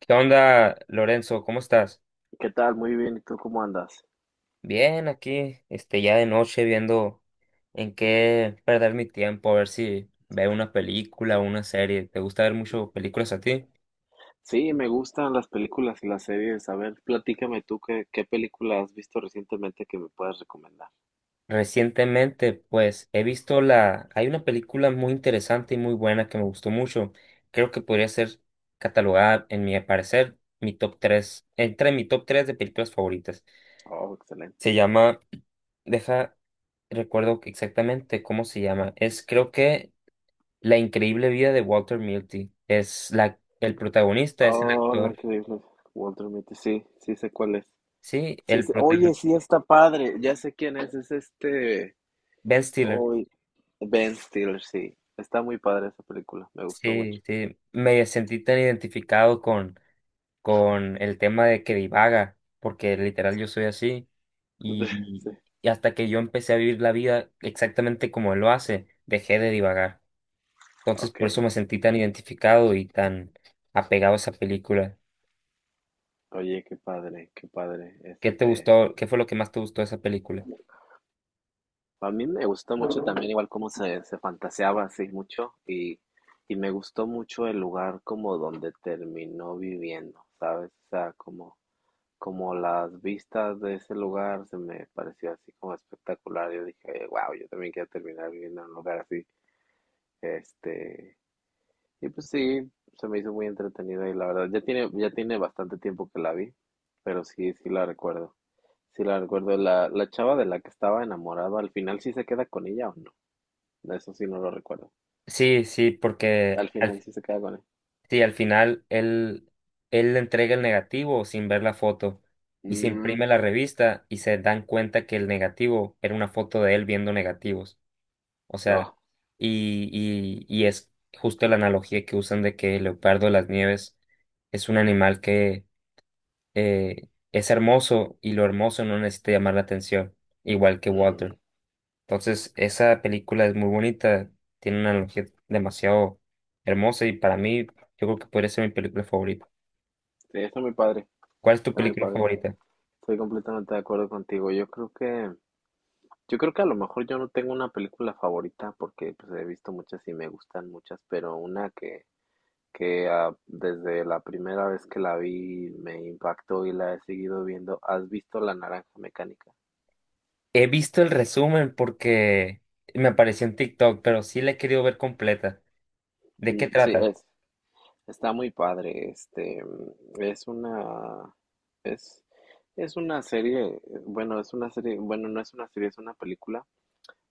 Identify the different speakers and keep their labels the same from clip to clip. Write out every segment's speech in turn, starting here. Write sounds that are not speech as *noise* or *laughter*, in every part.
Speaker 1: ¿Qué onda, Lorenzo? ¿Cómo estás?
Speaker 2: ¿Qué tal? Muy bien. ¿Y tú cómo andas?
Speaker 1: Bien, aquí, ya de noche viendo en qué perder mi tiempo, a ver si veo una película o una serie. ¿Te gusta ver mucho películas a ti?
Speaker 2: Sí, me gustan las películas y las series. A ver, platícame tú qué película has visto recientemente que me puedas recomendar.
Speaker 1: Recientemente, pues, he visto Hay una película muy interesante y muy buena que me gustó mucho. Creo que podría ser catalogada, en mi parecer, mi top 3, entre mi top 3 de películas favoritas.
Speaker 2: Oh, excelente.
Speaker 1: Se llama... Deja, recuerdo exactamente cómo se llama. La increíble vida de Walter Mitty. Es el protagonista, es el
Speaker 2: Oh, la
Speaker 1: actor.
Speaker 2: increíble. Walter Mitty. Sí, sí sé cuál es.
Speaker 1: Sí, el
Speaker 2: Oye,
Speaker 1: protagonista.
Speaker 2: sí está padre. Ya sé quién es. Es este.
Speaker 1: Ben Stiller.
Speaker 2: Hoy. Ben Stiller, sí. Está muy padre esa película. Me gustó mucho.
Speaker 1: Sí, sí. Me sentí tan identificado con el tema de que divaga, porque literal yo soy así.
Speaker 2: *laughs*
Speaker 1: Y,
Speaker 2: Sí.
Speaker 1: y hasta que yo empecé a vivir la vida exactamente como él lo hace, dejé de divagar. Entonces
Speaker 2: Ok.
Speaker 1: por eso me sentí tan identificado y tan apegado a esa película.
Speaker 2: Oye, qué padre, qué padre.
Speaker 1: ¿Qué te gustó? ¿Qué fue lo que más te gustó de esa película?
Speaker 2: A mí me gustó mucho también igual cómo se fantaseaba así mucho y me gustó mucho el lugar como donde terminó viviendo, ¿sabes? O sea, como, como las vistas de ese lugar se me pareció así como espectacular. Yo dije, wow, yo también quiero terminar viviendo en un lugar así. Este, y pues sí, se me hizo muy entretenida y la verdad, ya tiene bastante tiempo que la vi, pero sí, sí la recuerdo. Sí la recuerdo. La chava de la que estaba enamorado, al final sí se queda con ella o no. Eso sí no lo recuerdo.
Speaker 1: Sí, sí. porque
Speaker 2: Al final
Speaker 1: al
Speaker 2: sí se queda con él.
Speaker 1: Sí, al final él le entrega el negativo sin ver la foto y se
Speaker 2: Mm,
Speaker 1: imprime la revista y se dan cuenta que el negativo era una foto de él viendo negativos. O sea,
Speaker 2: oh,
Speaker 1: y es justo la analogía que usan de que el leopardo de las nieves es un animal que es hermoso y lo hermoso no necesita llamar la atención, igual que
Speaker 2: mm.
Speaker 1: Walter. Entonces, esa película es muy bonita, tiene una analogía demasiado hermosa y para mí yo creo que podría ser mi película favorita.
Speaker 2: Sí, está muy padre,
Speaker 1: ¿Cuál es tu
Speaker 2: está muy
Speaker 1: película
Speaker 2: padre.
Speaker 1: favorita?
Speaker 2: Estoy completamente de acuerdo contigo. Yo creo que a lo mejor yo no tengo una película favorita porque pues he visto muchas y me gustan muchas, pero una que ah, desde la primera vez que la vi me impactó y la he seguido viendo. ¿Has visto La Naranja Mecánica?
Speaker 1: He visto el resumen porque me apareció en TikTok, pero sí la he querido ver completa. ¿De qué
Speaker 2: Sí,
Speaker 1: trata?
Speaker 2: está muy padre, es una, es, es una serie, es una serie, bueno, no es una serie, es una película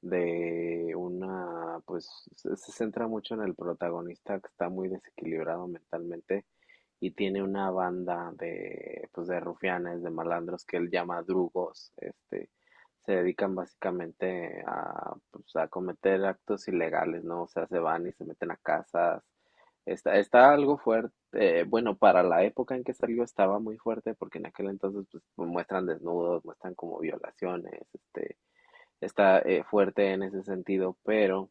Speaker 2: de una, pues se centra mucho en el protagonista que está muy desequilibrado mentalmente y tiene una banda de, pues de rufianes, de malandros que él llama drugos, se dedican básicamente a, pues, a cometer actos ilegales, ¿no? O sea, se van y se meten a casas. Está algo fuerte, bueno, para la época en que salió estaba muy fuerte porque en aquel entonces pues muestran desnudos, muestran como violaciones, está fuerte en ese sentido, pero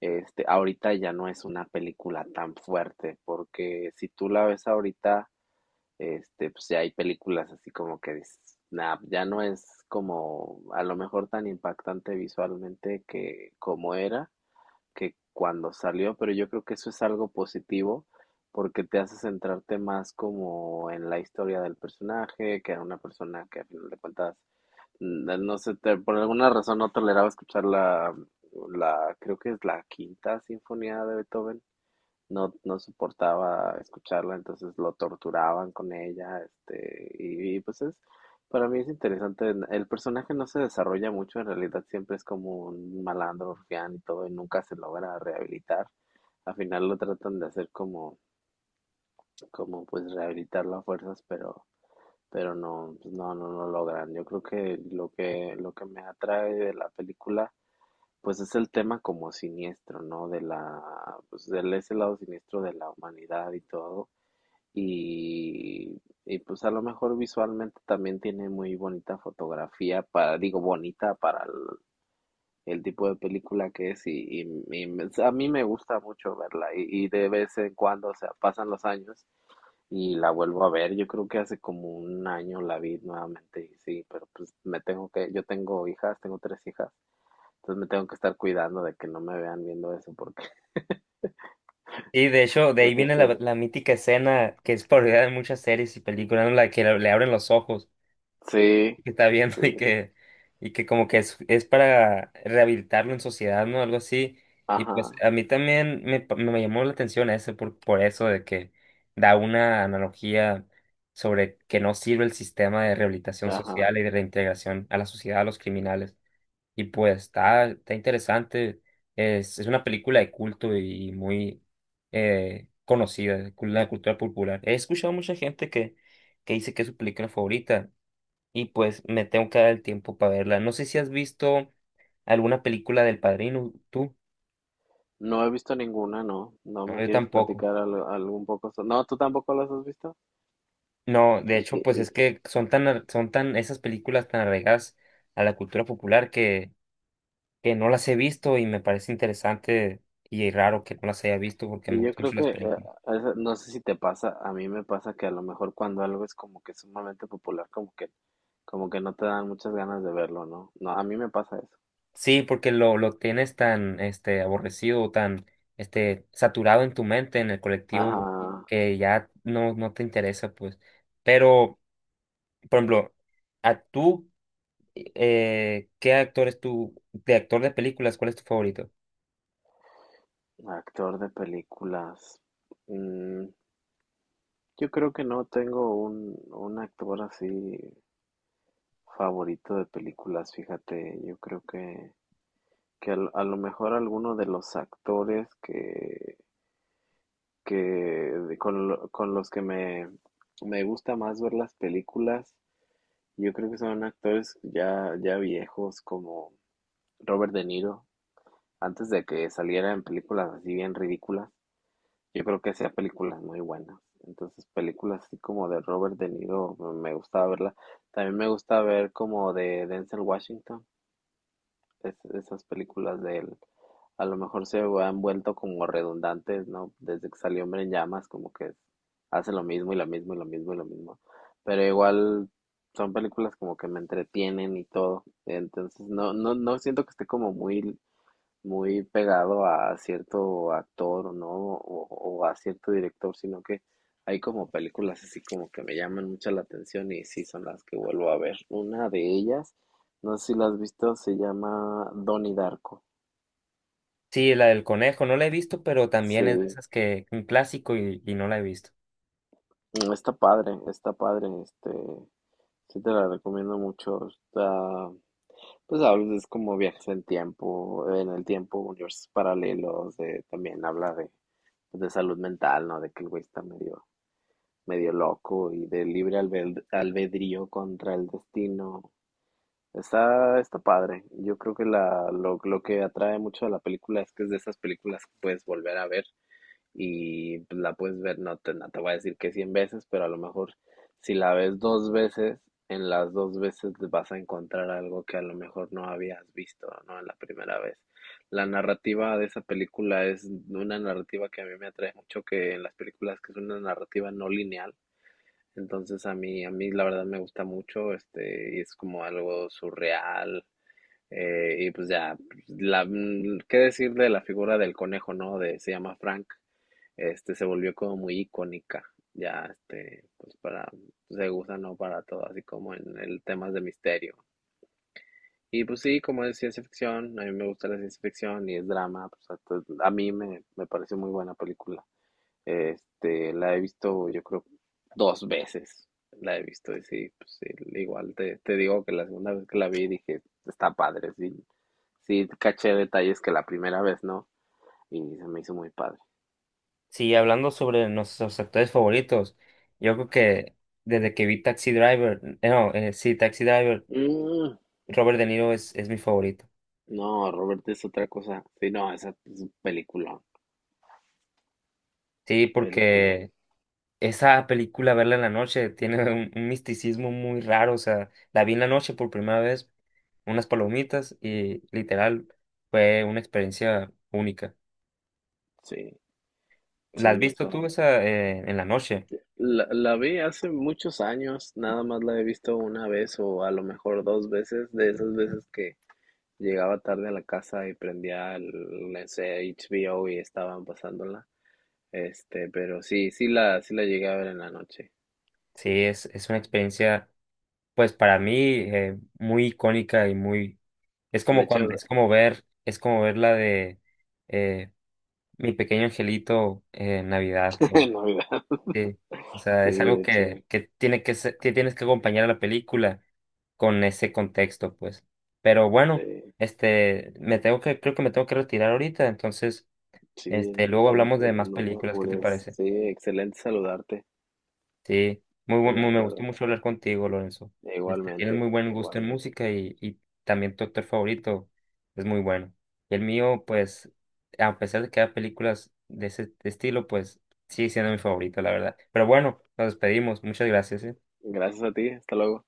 Speaker 2: ahorita ya no es una película tan fuerte, porque si tú la ves ahorita, este, pues ya hay películas así como que dices, nah, ya no es como a lo mejor tan impactante visualmente que como era, que cuando salió, pero yo creo que eso es algo positivo porque te hace centrarte más como en la historia del personaje, que era una persona que a final de cuentas no sé, por alguna razón no toleraba escuchar creo que es la quinta sinfonía de Beethoven. No, no soportaba escucharla, entonces lo torturaban con ella, pues es, para mí es interesante. El personaje no se desarrolla mucho, en realidad siempre es como un malandro, rufián y todo, y nunca se logra rehabilitar. Al final lo tratan de hacer como, como pues rehabilitarlo a fuerzas, pero no, pues no, no logran. Yo creo que lo que me atrae de la película, pues es el tema como siniestro, ¿no? De la, pues del ese lado siniestro de la humanidad y todo. Y pues a lo mejor visualmente también tiene muy bonita fotografía para, digo, bonita para el tipo de película que es y a mí me gusta mucho verla y de vez en cuando, o sea, pasan los años y la vuelvo a ver. Yo creo que hace como un año la vi nuevamente y sí, pero pues yo tengo hijas, tengo tres hijas, entonces me tengo que estar cuidando de que no me vean viendo eso porque,
Speaker 1: Y de hecho,
Speaker 2: *laughs*
Speaker 1: de ahí
Speaker 2: porque
Speaker 1: viene
Speaker 2: sí,
Speaker 1: la mítica escena que es parodia de muchas series y películas, ¿no?, la que le abren los ojos,
Speaker 2: sí,
Speaker 1: que está viendo y
Speaker 2: sí,
Speaker 1: que, y que como que es para rehabilitarlo en sociedad, ¿no? Algo así. Y pues
Speaker 2: ajá,
Speaker 1: a mí también me llamó la atención eso por eso de que da una analogía sobre que no sirve el sistema de rehabilitación
Speaker 2: ajá.
Speaker 1: social y de reintegración a la sociedad, a los criminales. Y pues está interesante. Es una película de culto y muy conocida, la cultura popular. He escuchado mucha gente que dice que es su película favorita y pues me tengo que dar el tiempo para verla. No sé si has visto alguna película del Padrino, tú.
Speaker 2: No he visto ninguna, no, no
Speaker 1: No,
Speaker 2: me
Speaker 1: yo
Speaker 2: quieres
Speaker 1: tampoco.
Speaker 2: platicar algo, un poco. No, tú tampoco las has visto.
Speaker 1: No, de
Speaker 2: ¿Y
Speaker 1: hecho, pues
Speaker 2: qué,
Speaker 1: es que son tan, esas películas tan arraigadas a la cultura popular que no las he visto y me parece interesante y raro que no las haya visto porque
Speaker 2: Y
Speaker 1: me
Speaker 2: yo
Speaker 1: gustan
Speaker 2: creo
Speaker 1: mucho las
Speaker 2: que,
Speaker 1: películas.
Speaker 2: no sé si te pasa, a mí me pasa que a lo mejor cuando algo es como que sumamente popular, como que no te dan muchas ganas de verlo, ¿no? No, a mí me pasa eso.
Speaker 1: Sí, porque lo tienes tan, aborrecido, tan, saturado en tu mente, en el colectivo,
Speaker 2: Ajá,
Speaker 1: que ya no te interesa, pues. Pero, por ejemplo, a tú ¿qué actor es tu, de actor de películas, cuál es tu favorito?
Speaker 2: actor de películas. Mm, yo creo que no tengo un actor así favorito de películas, fíjate, que a lo mejor alguno de los actores que de- con, lo- con los que me gusta más ver las películas. Yo creo que son actores ya viejos como Robert De Niro, antes de que saliera en películas así bien ridículas. Yo creo que hacía películas muy buenas. Entonces, películas así como de Robert De Niro me gustaba verla. También me gusta ver como de Denzel Washington, esas películas de él a lo mejor se han vuelto como redundantes, ¿no? Desde que salió Hombre en Llamas, como que hace lo mismo y lo mismo y lo mismo y lo mismo. Pero igual son películas como que me entretienen y todo. Entonces no, no siento que esté como muy muy pegado a cierto actor, ¿no? O a cierto director, sino que hay como películas así como que me llaman mucho la atención y sí son las que vuelvo a ver. Una de ellas, no sé si la has visto, se llama Donnie Darko.
Speaker 1: Sí, la del conejo, no la he visto, pero también
Speaker 2: Sí,
Speaker 1: es de esas que un clásico y no la he visto.
Speaker 2: está padre, sí te la recomiendo mucho. Está, pues habla, es como viajes en tiempo, en el tiempo, universos paralelos, de, también habla de, pues, de salud mental, ¿no? De que el güey está medio medio loco y de libre albedrío contra el destino. Está, está padre. Yo creo que lo que atrae mucho a la película es que es de esas películas que puedes volver a ver y pues, la puedes ver, no te voy a decir que 100 veces, pero a lo mejor si la ves dos veces, en las dos veces vas a encontrar algo que a lo mejor no habías visto, ¿no? En la primera vez. La narrativa de esa película es una narrativa que a mí me atrae mucho, que en las películas que es una narrativa no lineal, entonces a mí la verdad me gusta mucho, y es como algo surreal. Y pues ya, qué decir de la figura del conejo, ¿no? De, se llama Frank, se volvió como muy icónica, pues para, se usa, ¿no? Para todo, así como en el temas de misterio. Y pues sí, como es ciencia ficción, a mí me gusta la ciencia ficción y es drama, pues a mí me pareció muy buena película. La he visto, yo creo, dos veces. La he visto y sí, pues sí, igual te digo que la segunda vez que la vi dije, está padre, sí, sí, caché detalles que la primera vez no, y se me hizo muy padre.
Speaker 1: Sí, hablando sobre nuestros actores favoritos, yo creo que desde que vi Taxi Driver, no, sí, Taxi Driver,
Speaker 2: Mm,
Speaker 1: Robert De Niro es mi favorito.
Speaker 2: no, Robert es otra cosa. Sí, no, esa es un peliculón,
Speaker 1: Sí,
Speaker 2: peliculón.
Speaker 1: porque Esa película, verla en la noche, tiene un misticismo muy raro. O sea, la vi en la noche por primera vez, unas palomitas y literal fue una experiencia única.
Speaker 2: Sí,
Speaker 1: ¿La has
Speaker 2: sí,
Speaker 1: visto tú esa en la noche?
Speaker 2: la vi hace muchos años, nada más la he visto una vez o a lo mejor dos veces, de esas veces que llegaba tarde a la casa y prendía el, no sé, HBO y estaban pasándola. Pero sí, sí la llegué a ver en la noche.
Speaker 1: Sí, es una experiencia, pues para mí, muy icónica Es
Speaker 2: De
Speaker 1: como cuando,
Speaker 2: hecho,
Speaker 1: es como ver, es como ver la de eh, Mi Pequeño Angelito en Navidad.
Speaker 2: *laughs* en Navidad.
Speaker 1: Sí, o sea,
Speaker 2: Sí,
Speaker 1: es algo
Speaker 2: de hecho,
Speaker 1: que tienes que acompañar a la película con ese contexto, pues. Pero bueno,
Speaker 2: sí,
Speaker 1: creo que me tengo que retirar ahorita, entonces,
Speaker 2: sí, no,
Speaker 1: luego hablamos de más
Speaker 2: no te
Speaker 1: películas, ¿qué te
Speaker 2: apures.
Speaker 1: parece?
Speaker 2: Sí, excelente saludarte,
Speaker 1: Sí,
Speaker 2: estoy de
Speaker 1: me gustó
Speaker 2: acuerdo.
Speaker 1: mucho hablar contigo, Lorenzo. Tienes
Speaker 2: Igualmente,
Speaker 1: muy buen gusto en
Speaker 2: igualmente.
Speaker 1: música y también tu actor favorito es muy bueno. Y el mío, pues, a pesar de que hay películas de ese estilo, pues, sigue siendo mi favorito, la verdad. Pero bueno, nos despedimos. Muchas gracias, ¿eh?
Speaker 2: Gracias a ti, hasta luego.